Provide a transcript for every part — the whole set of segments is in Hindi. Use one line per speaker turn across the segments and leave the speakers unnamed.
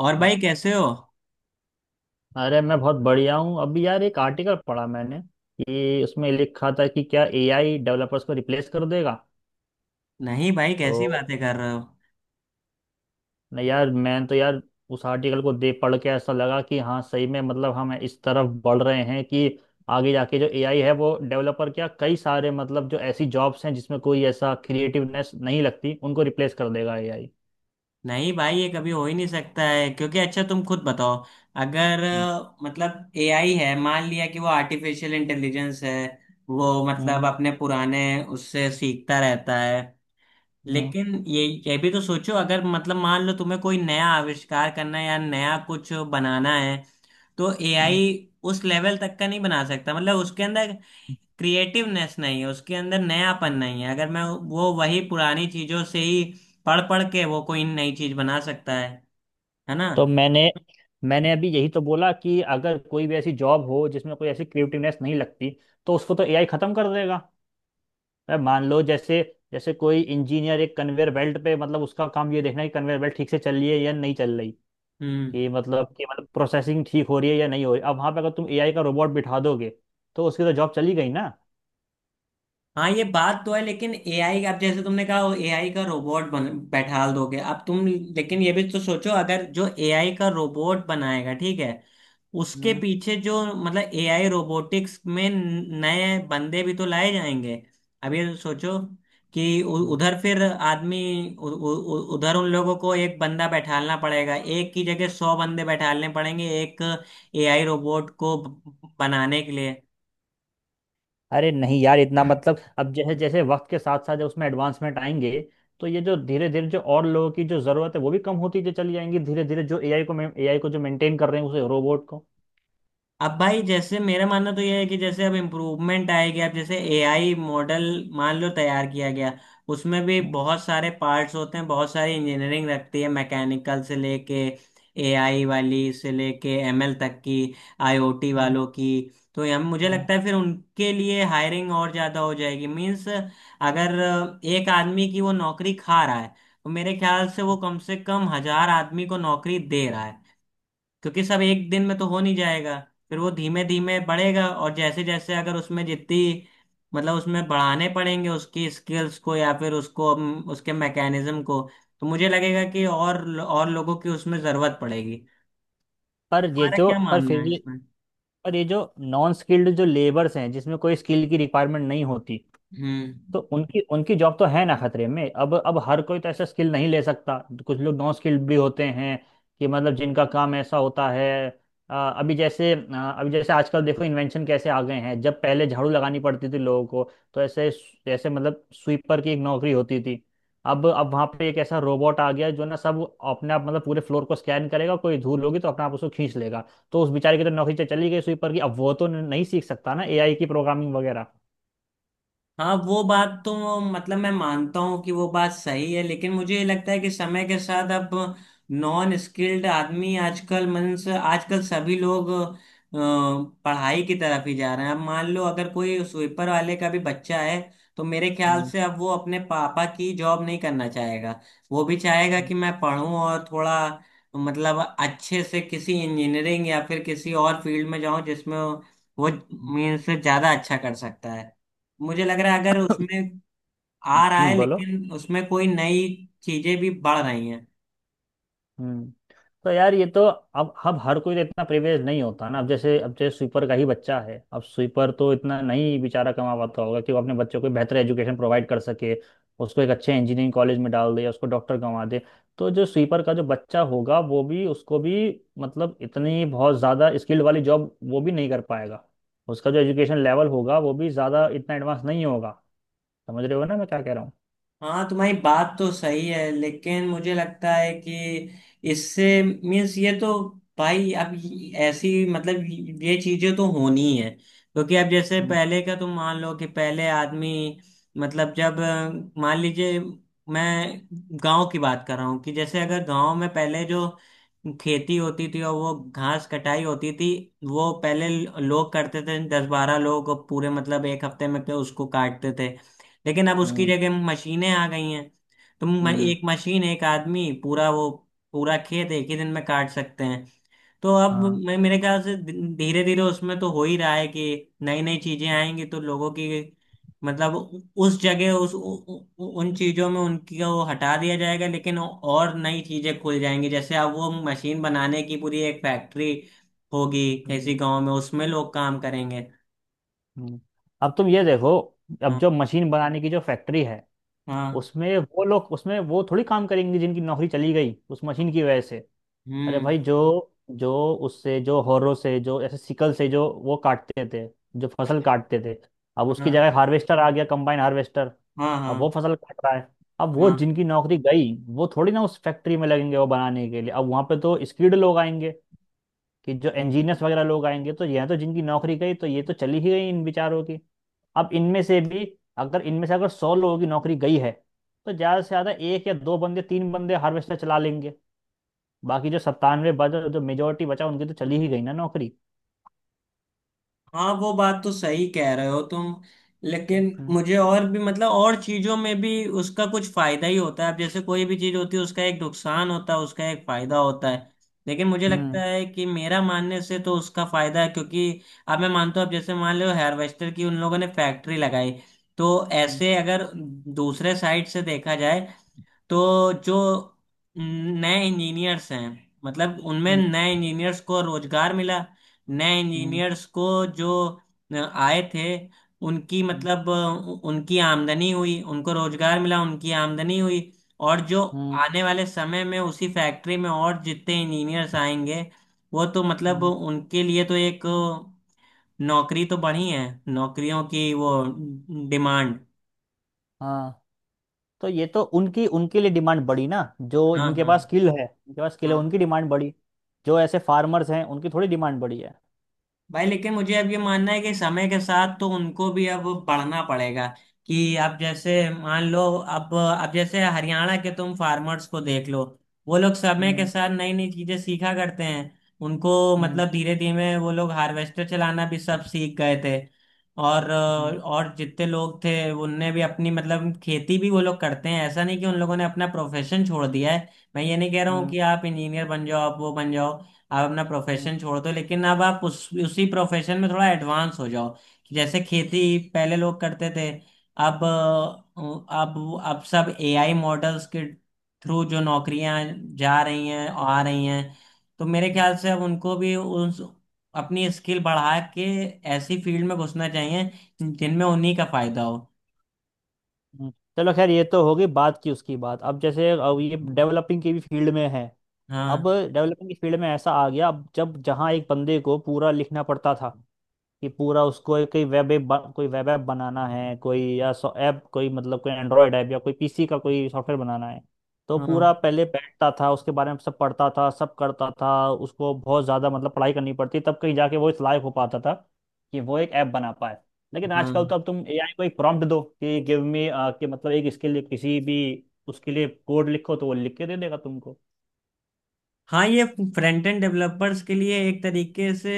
और
अ-
भाई, कैसे हो?
अरे मैं बहुत बढ़िया हूँ। अभी यार एक आर्टिकल पढ़ा मैंने कि उसमें लिखा था कि क्या एआई डेवलपर्स को रिप्लेस कर देगा।
नहीं भाई,
तो
कैसी बातें कर रहे हो?
नहीं यार, मैं तो यार उस आर्टिकल को देख पढ़ के ऐसा लगा कि हाँ सही में मतलब हम इस तरफ बढ़ रहे हैं कि आगे जाके जो एआई है वो डेवलपर क्या कई सारे मतलब जो ऐसी जॉब्स हैं जिसमें कोई ऐसा क्रिएटिवनेस नहीं लगती उनको रिप्लेस कर देगा एआई।
नहीं भाई, ये कभी हो ही नहीं सकता है, क्योंकि अच्छा, तुम खुद बताओ, अगर
हम्म।
मतलब एआई है, मान लिया कि वो आर्टिफिशियल इंटेलिजेंस है। वो मतलब
हम्म।
अपने पुराने उससे सीखता रहता है।
हम्म।
लेकिन ये भी तो सोचो, अगर मतलब मान लो तुम्हें कोई नया आविष्कार करना है या नया कुछ बनाना है, तो एआई उस लेवल तक का नहीं बना सकता, मतलब उसके अंदर क्रिएटिवनेस नहीं है, उसके अंदर
हम्म।
नयापन नहीं है। अगर मैं वो वही पुरानी चीजों से ही पढ़ पढ़ के वो कोई नई चीज बना सकता है ना?
तो मैंने मैंने अभी यही तो बोला कि अगर कोई भी ऐसी जॉब हो जिसमें कोई ऐसी क्रिएटिवनेस नहीं लगती तो उसको तो एआई खत्म कर देगा। अरे मान लो जैसे जैसे कोई इंजीनियर एक कन्वेयर बेल्ट पे मतलब उसका काम ये देखना है कि कन्वेयर बेल्ट ठीक से चल रही है या नहीं चल रही,
हम्म।
कि मतलब प्रोसेसिंग ठीक हो रही है या नहीं हो रही। अब वहां पे अगर तुम एआई का रोबोट बिठा दोगे तो उसकी तो जॉब चली गई ना।
हाँ, ये बात तो है, लेकिन एआई अब जैसे तुमने कहा एआई का रोबोट बन बैठाल दोगे अब तुम। लेकिन ये भी तो सोचो, अगर जो एआई का रोबोट बनाएगा, ठीक है, उसके
हम्म।
पीछे जो मतलब एआई रोबोटिक्स में नए बंदे भी तो लाए जाएंगे। अब ये सोचो कि
हम्म।
उधर फिर आदमी उ, उ, उ, उधर उन लोगों को एक बंदा बैठालना पड़ेगा, एक की जगह 100 बंदे बैठालने पड़ेंगे, एक एआई रोबोट को बनाने के लिए।
अरे नहीं यार, इतना मतलब अब जैसे जैसे वक्त के साथ साथ जब उसमें एडवांसमेंट आएंगे तो ये जो धीरे धीरे जो और लोगों की जो जरूरत है वो भी कम होती जो चली जाएंगी धीरे धीरे जो एआई को जो मेंटेन कर रहे हैं उसे रोबोट को।
अब भाई, जैसे मेरा मानना तो यह है कि जैसे अब इम्प्रूवमेंट आएगी, अब जैसे एआई मॉडल मान लो तैयार किया गया, उसमें भी
हम्म।
बहुत सारे पार्ट्स होते हैं, बहुत सारी इंजीनियरिंग रखती है, मैकेनिकल से लेके एआई वाली से लेके एमएल तक की, आईओटी
हम्म।
वालों की। तो हम मुझे
हम्म।
लगता है फिर उनके लिए हायरिंग और ज़्यादा हो जाएगी। मीन्स अगर एक आदमी की वो नौकरी खा रहा है, तो मेरे ख्याल से वो
हम्म।
कम से कम 1000 आदमी को नौकरी दे रहा है, क्योंकि सब एक दिन में तो हो नहीं जाएगा। फिर वो धीमे धीमे बढ़ेगा। और जैसे जैसे अगर उसमें जितनी, मतलब उसमें बढ़ाने पड़ेंगे उसकी स्किल्स को या फिर उसको उसके मैकेनिज्म को, तो मुझे लगेगा कि और लोगों की उसमें जरूरत पड़ेगी।
पर ये
हमारा
जो
क्या
पर
मानना
फिर
है
ये
इसमें?
पर ये जो नॉन स्किल्ड जो लेबर्स हैं जिसमें कोई स्किल की रिक्वायरमेंट नहीं होती
हम्म।
तो उनकी उनकी जॉब तो है ना खतरे में। अब हर कोई तो ऐसा स्किल नहीं ले सकता। कुछ लोग नॉन स्किल्ड भी होते हैं कि मतलब जिनका काम ऐसा होता है। अभी जैसे आजकल देखो इन्वेंशन कैसे आ गए हैं। जब पहले झाड़ू लगानी पड़ती थी लोगों को तो ऐसे जैसे मतलब स्वीपर की एक नौकरी होती थी। अब वहाँ पे एक ऐसा रोबोट आ गया जो ना सब अपने आप मतलब पूरे फ्लोर को स्कैन करेगा, कोई धूल होगी तो अपने आप उसको खींच लेगा। तो उस बेचारे की तो नौकरी चली गई स्वीपर की। अब वो तो नहीं सीख सकता ना एआई की प्रोग्रामिंग वगैरह।
हाँ, वो बात तो, मतलब मैं मानता हूँ कि वो बात सही है, लेकिन मुझे ये लगता है कि समय के साथ अब नॉन स्किल्ड आदमी आजकल, मीन्स आजकल सभी लोग पढ़ाई की तरफ ही जा रहे हैं। अब मान लो अगर कोई स्वीपर वाले का भी बच्चा है, तो मेरे ख्याल
हम्म।
से अब वो अपने पापा की जॉब नहीं करना चाहेगा। वो भी चाहेगा कि मैं पढूं और थोड़ा मतलब अच्छे से किसी इंजीनियरिंग या फिर किसी और फील्ड में जाऊं जिसमें वो,
हम्म।
मीन्स ज्यादा अच्छा कर सकता है। मुझे लग रहा है अगर उसमें आ रहा है
बोलो।
लेकिन उसमें कोई नई चीजें भी बढ़ रही हैं।
हम्म। तो यार ये तो अब हर कोई तो इतना प्रिविलेज नहीं होता ना। अब जैसे स्वीपर का ही बच्चा है। अब स्वीपर तो इतना नहीं बेचारा कमा पाता होगा कि वो अपने बच्चों को बेहतर एजुकेशन प्रोवाइड कर सके, उसको एक अच्छे इंजीनियरिंग कॉलेज में डाल दे या उसको डॉक्टर कमा दे। तो जो स्वीपर का जो बच्चा होगा वो भी, उसको भी मतलब इतनी बहुत ज़्यादा स्किल्ड वाली जॉब वो भी नहीं कर पाएगा। उसका जो एजुकेशन लेवल होगा वो भी ज़्यादा इतना एडवांस नहीं होगा। समझ रहे हो ना मैं क्या कह रहा हूँ?
हाँ, तुम्हारी बात तो सही है, लेकिन मुझे लगता है कि इससे मीन्स ये तो, भाई अब ऐसी मतलब ये चीजें तो होनी ही है, क्योंकि अब जैसे
हम्म।
पहले का तुम मान लो कि पहले आदमी मतलब जब मान लीजिए मैं गांव की बात कर रहा हूँ कि जैसे अगर गांव में पहले जो खेती होती थी और वो घास कटाई होती थी, वो पहले लोग करते थे, दस बारह लोग पूरे, मतलब एक हफ्ते में के उसको काटते थे। लेकिन अब उसकी
हम्म।
जगह मशीनें आ गई हैं। तो
हम्म।
एक मशीन एक आदमी पूरा वो पूरा खेत एक ही दिन में काट सकते हैं। तो अब
हाँ।
मैं, मेरे ख्याल से धीरे धीरे उसमें तो हो ही रहा है कि नई नई चीजें आएंगी, तो लोगों की मतलब उस जगह उन चीजों में उनकी वो हटा दिया जाएगा, लेकिन और नई चीजें खुल जाएंगी। जैसे अब वो मशीन बनाने की पूरी एक फैक्ट्री होगी किसी
हम्म।
गांव में, उसमें लोग काम करेंगे।
हम्म। अब तुम ये देखो। अब
हाँ,
जो मशीन बनाने की जो फैक्ट्री है
हाँ।
उसमें वो लोग, उसमें वो थोड़ी काम करेंगे जिनकी नौकरी चली गई उस मशीन की वजह से। अरे
हम्म।
भाई जो जो उससे जो हौरों से जो ऐसे सिकल से जो वो काटते थे, जो फसल काटते थे। अब उसकी
हाँ,
जगह हार्वेस्टर आ गया, कंबाइन हार्वेस्टर।
हाँ,
अब वो
हाँ,
फसल काट रहा है। अब वो
हाँ,
जिनकी नौकरी गई वो थोड़ी ना उस फैक्ट्री में लगेंगे वो बनाने के लिए। अब वहां पे तो स्किल्ड लोग आएंगे, कि जो इंजीनियर्स वगैरह लोग आएंगे। तो ये तो जिनकी नौकरी गई तो ये तो चली ही गई इन बेचारों की। अब इनमें से भी अगर इनमें से अगर 100 लोगों की नौकरी गई है तो ज़्यादा से ज़्यादा एक या दो बंदे तीन बंदे हार्वेस्टर चला लेंगे। बाकी जो 97 बचा, जो मेजोरिटी बचा, उनकी तो चली ही गई ना नौकरी।
हाँ। वो बात तो सही कह रहे हो तुम, लेकिन
हम्म।
मुझे और भी, मतलब और चीजों में भी उसका कुछ फायदा ही होता है। अब जैसे कोई भी चीज होती है, उसका एक नुकसान होता है, उसका एक फायदा होता है। लेकिन मुझे
हम्म।
लगता है कि मेरा मानने से तो उसका फायदा है, क्योंकि अब मैं मानता हूँ, अब जैसे मान लो हार्वेस्टर की उन लोगों ने फैक्ट्री लगाई, तो
हम्म।
ऐसे अगर दूसरे साइड से देखा जाए, तो जो नए इंजीनियर्स हैं, मतलब उनमें
हम्म।
नए इंजीनियर्स को रोजगार मिला, नए
हम्म।
इंजीनियर्स को जो आए थे, उनकी
हम्म।
मतलब उनकी आमदनी हुई, उनको रोजगार मिला, उनकी आमदनी हुई। और जो
हम्म।
आने वाले समय में उसी फैक्ट्री में और जितने इंजीनियर्स आएंगे, वो तो मतलब
हम्म।
उनके लिए तो एक नौकरी तो बढ़ी है, नौकरियों की वो डिमांड।
हाँ तो ये तो उनकी उनके लिए डिमांड बढ़ी ना। जो
हाँ,
जिनके
हाँ,
पास स्किल है, उनके पास स्किल है,
हाँ।
उनकी डिमांड बढ़ी। जो ऐसे फार्मर्स हैं उनकी थोड़ी डिमांड बढ़ी है।
भाई लेकिन मुझे अब ये मानना है कि समय के साथ तो उनको भी अब पढ़ना पड़ेगा। कि आप जैसे मान लो, अब जैसे हरियाणा के तुम फार्मर्स को देख लो। वो लोग समय के साथ नई नई चीजें सीखा करते हैं, उनको
हम्म।
मतलब धीरे धीरे वो लोग हार्वेस्टर चलाना भी सब सीख गए थे। और
हम्म।
और जितने लोग थे उनने भी अपनी मतलब खेती भी वो लोग करते हैं, ऐसा नहीं कि उन लोगों ने अपना प्रोफेशन छोड़ दिया है। मैं ये नहीं कह रहा हूँ
हम्म।
कि आप इंजीनियर बन जाओ, आप वो बन जाओ, आप अपना
हम्म।
प्रोफेशन छोड़ दो, लेकिन अब आप उस उसी प्रोफेशन में थोड़ा एडवांस हो जाओ। कि जैसे खेती पहले लोग करते थे, अब सब एआई मॉडल्स के थ्रू जो नौकरियां जा रही हैं और आ रही हैं, तो मेरे ख्याल से अब उनको भी उस अपनी स्किल बढ़ा के ऐसी फील्ड में घुसना चाहिए जिनमें उन्हीं का फायदा हो।
हम्म। चलो, खैर ये तो होगी बात की उसकी बात। अब जैसे अब ये डेवलपिंग की भी फील्ड में है। अब
हाँ,
डेवलपिंग की फील्ड में ऐसा आ गया, अब जब जहाँ एक बंदे को पूरा लिखना पड़ता था कि पूरा उसको कोई वेब ऐप बनाना है, कोई या ऐप कोई मतलब कोई एंड्रॉयड ऐप या कोई पीसी का कोई सॉफ्टवेयर बनाना है। तो पूरा
हाँ,
पहले बैठता था, उसके बारे में सब पढ़ता था, सब करता था, उसको बहुत ज़्यादा मतलब पढ़ाई करनी पड़ती तब कहीं जाके वो इस लायक हो पाता था कि वो एक ऐप बना पाए। लेकिन
हाँ,
आजकल तो अब तुम एआई को एक प्रॉम्प्ट दो कि गिव मी, कि मतलब एक इसके लिए किसी भी उसके लिए कोड लिखो तो वो लिख के दे देगा तुमको।
हाँ, ये फ्रंट एंड डेवलपर्स के लिए एक तरीके से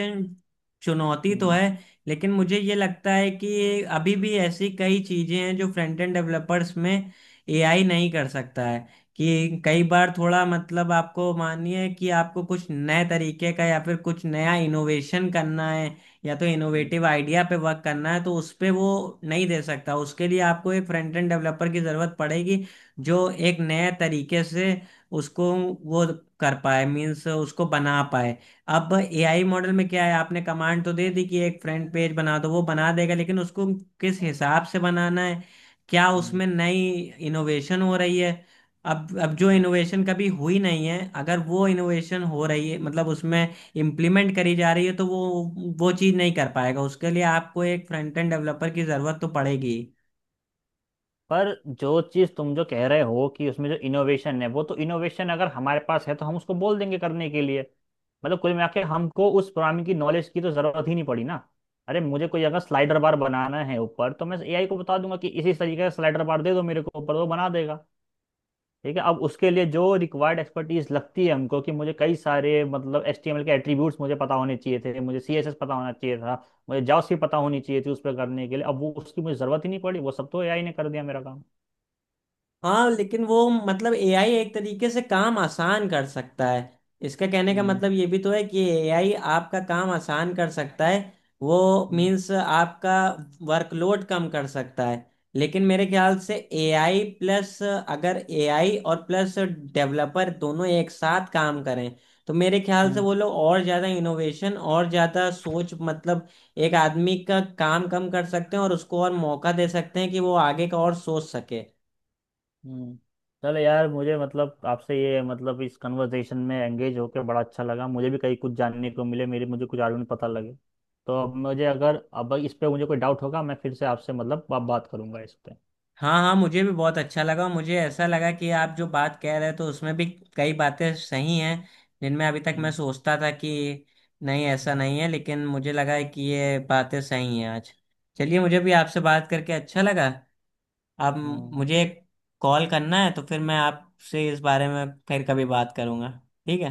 चुनौती तो
हम्म।
है, लेकिन मुझे ये लगता है कि अभी भी ऐसी कई चीज़ें हैं जो फ्रंट एंड डेवलपर्स में एआई नहीं कर सकता है। कि कई बार थोड़ा मतलब आपको मानिए कि आपको कुछ नए तरीके का या फिर कुछ नया इनोवेशन करना है या तो
हम्म।
इनोवेटिव आइडिया पे वर्क करना है, तो उस पे वो नहीं दे सकता। उसके लिए आपको एक फ्रंट एंड डेवलपर की ज़रूरत पड़ेगी, जो एक नए तरीके से उसको वो कर पाए, मीन्स उसको बना पाए। अब एआई मॉडल में क्या है, आपने कमांड तो दे दी कि एक फ्रंट पेज बना दो, वो बना देगा, लेकिन उसको किस हिसाब से बनाना है, क्या
हम्म।
उसमें नई इनोवेशन हो रही है? अब जो
हम्म।
इनोवेशन कभी हुई नहीं है, अगर वो इनोवेशन हो रही है, मतलब उसमें इम्प्लीमेंट करी जा रही है, तो वो चीज़ नहीं कर पाएगा, उसके लिए आपको एक फ्रंट एंड डेवलपर की ज़रूरत तो पड़ेगी।
पर जो चीज तुम जो कह रहे हो कि उसमें जो इनोवेशन है, वो तो इनोवेशन अगर हमारे पास है तो हम उसको बोल देंगे करने के लिए। मतलब कुल मिला के हमको उस प्रोग्रामिंग की नॉलेज की तो जरूरत ही नहीं पड़ी ना। अरे मुझे कोई अगर स्लाइडर बार बनाना है ऊपर तो मैं एआई को बता दूंगा कि इसी तरीके का स्लाइडर बार दे दो मेरे को ऊपर, वो बना देगा। ठीक है। अब उसके लिए जो रिक्वायर्ड एक्सपर्टीज लगती है हमको, कि मुझे कई सारे मतलब एचटीएमएल के एट्रीब्यूट्स मुझे पता होने चाहिए थे, मुझे सीएसएस पता होना चाहिए था, मुझे जावास्क्रिप्ट पता होनी चाहिए थी उस पर करने के लिए। अब वो उसकी मुझे जरूरत ही नहीं पड़ी, वो सब तो एआई ने कर दिया मेरा काम।
हाँ, लेकिन वो मतलब एआई एक तरीके से काम आसान कर सकता है। इसका कहने का
हम्म।
मतलब ये भी तो है कि एआई आपका काम आसान कर सकता है, वो
हम्म।
मीन्स आपका वर्कलोड कम कर सकता है। लेकिन मेरे ख्याल से एआई प्लस, अगर एआई और प्लस डेवलपर दोनों एक साथ काम करें, तो मेरे ख्याल से
हम्म।
वो लोग और ज़्यादा इनोवेशन और ज़्यादा सोच, मतलब एक आदमी का काम कम कर सकते हैं और उसको और मौका दे सकते हैं कि वो आगे का और सोच सके।
हम्म। चलो यार, मुझे मतलब आपसे ये मतलब इस कन्वर्सेशन में एंगेज होकर बड़ा अच्छा लगा। मुझे भी कहीं कुछ जानने को मिले, मेरे मुझे कुछ आर्गुमेंट पता लगे। तो अब मुझे अगर अब इस पे मुझे कोई डाउट होगा मैं फिर से आपसे मतलब बात करूंगा इस पे।
हाँ, हाँ, मुझे भी बहुत अच्छा लगा। मुझे ऐसा लगा कि आप जो बात कह रहे हैं तो उसमें भी कई बातें सही हैं, जिनमें अभी तक मैं
हम्म।
सोचता था कि नहीं ऐसा
हम्म।
नहीं है, लेकिन मुझे लगा है कि ये बातें सही हैं आज। चलिए, मुझे भी आपसे बात करके अच्छा लगा। आप,
हम्म।
मुझे कॉल करना है तो फिर मैं आपसे इस बारे में फिर कभी बात करूँगा, ठीक है?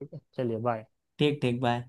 ठीक है चलिए, बाय।
ठीक, ठीक, बाय।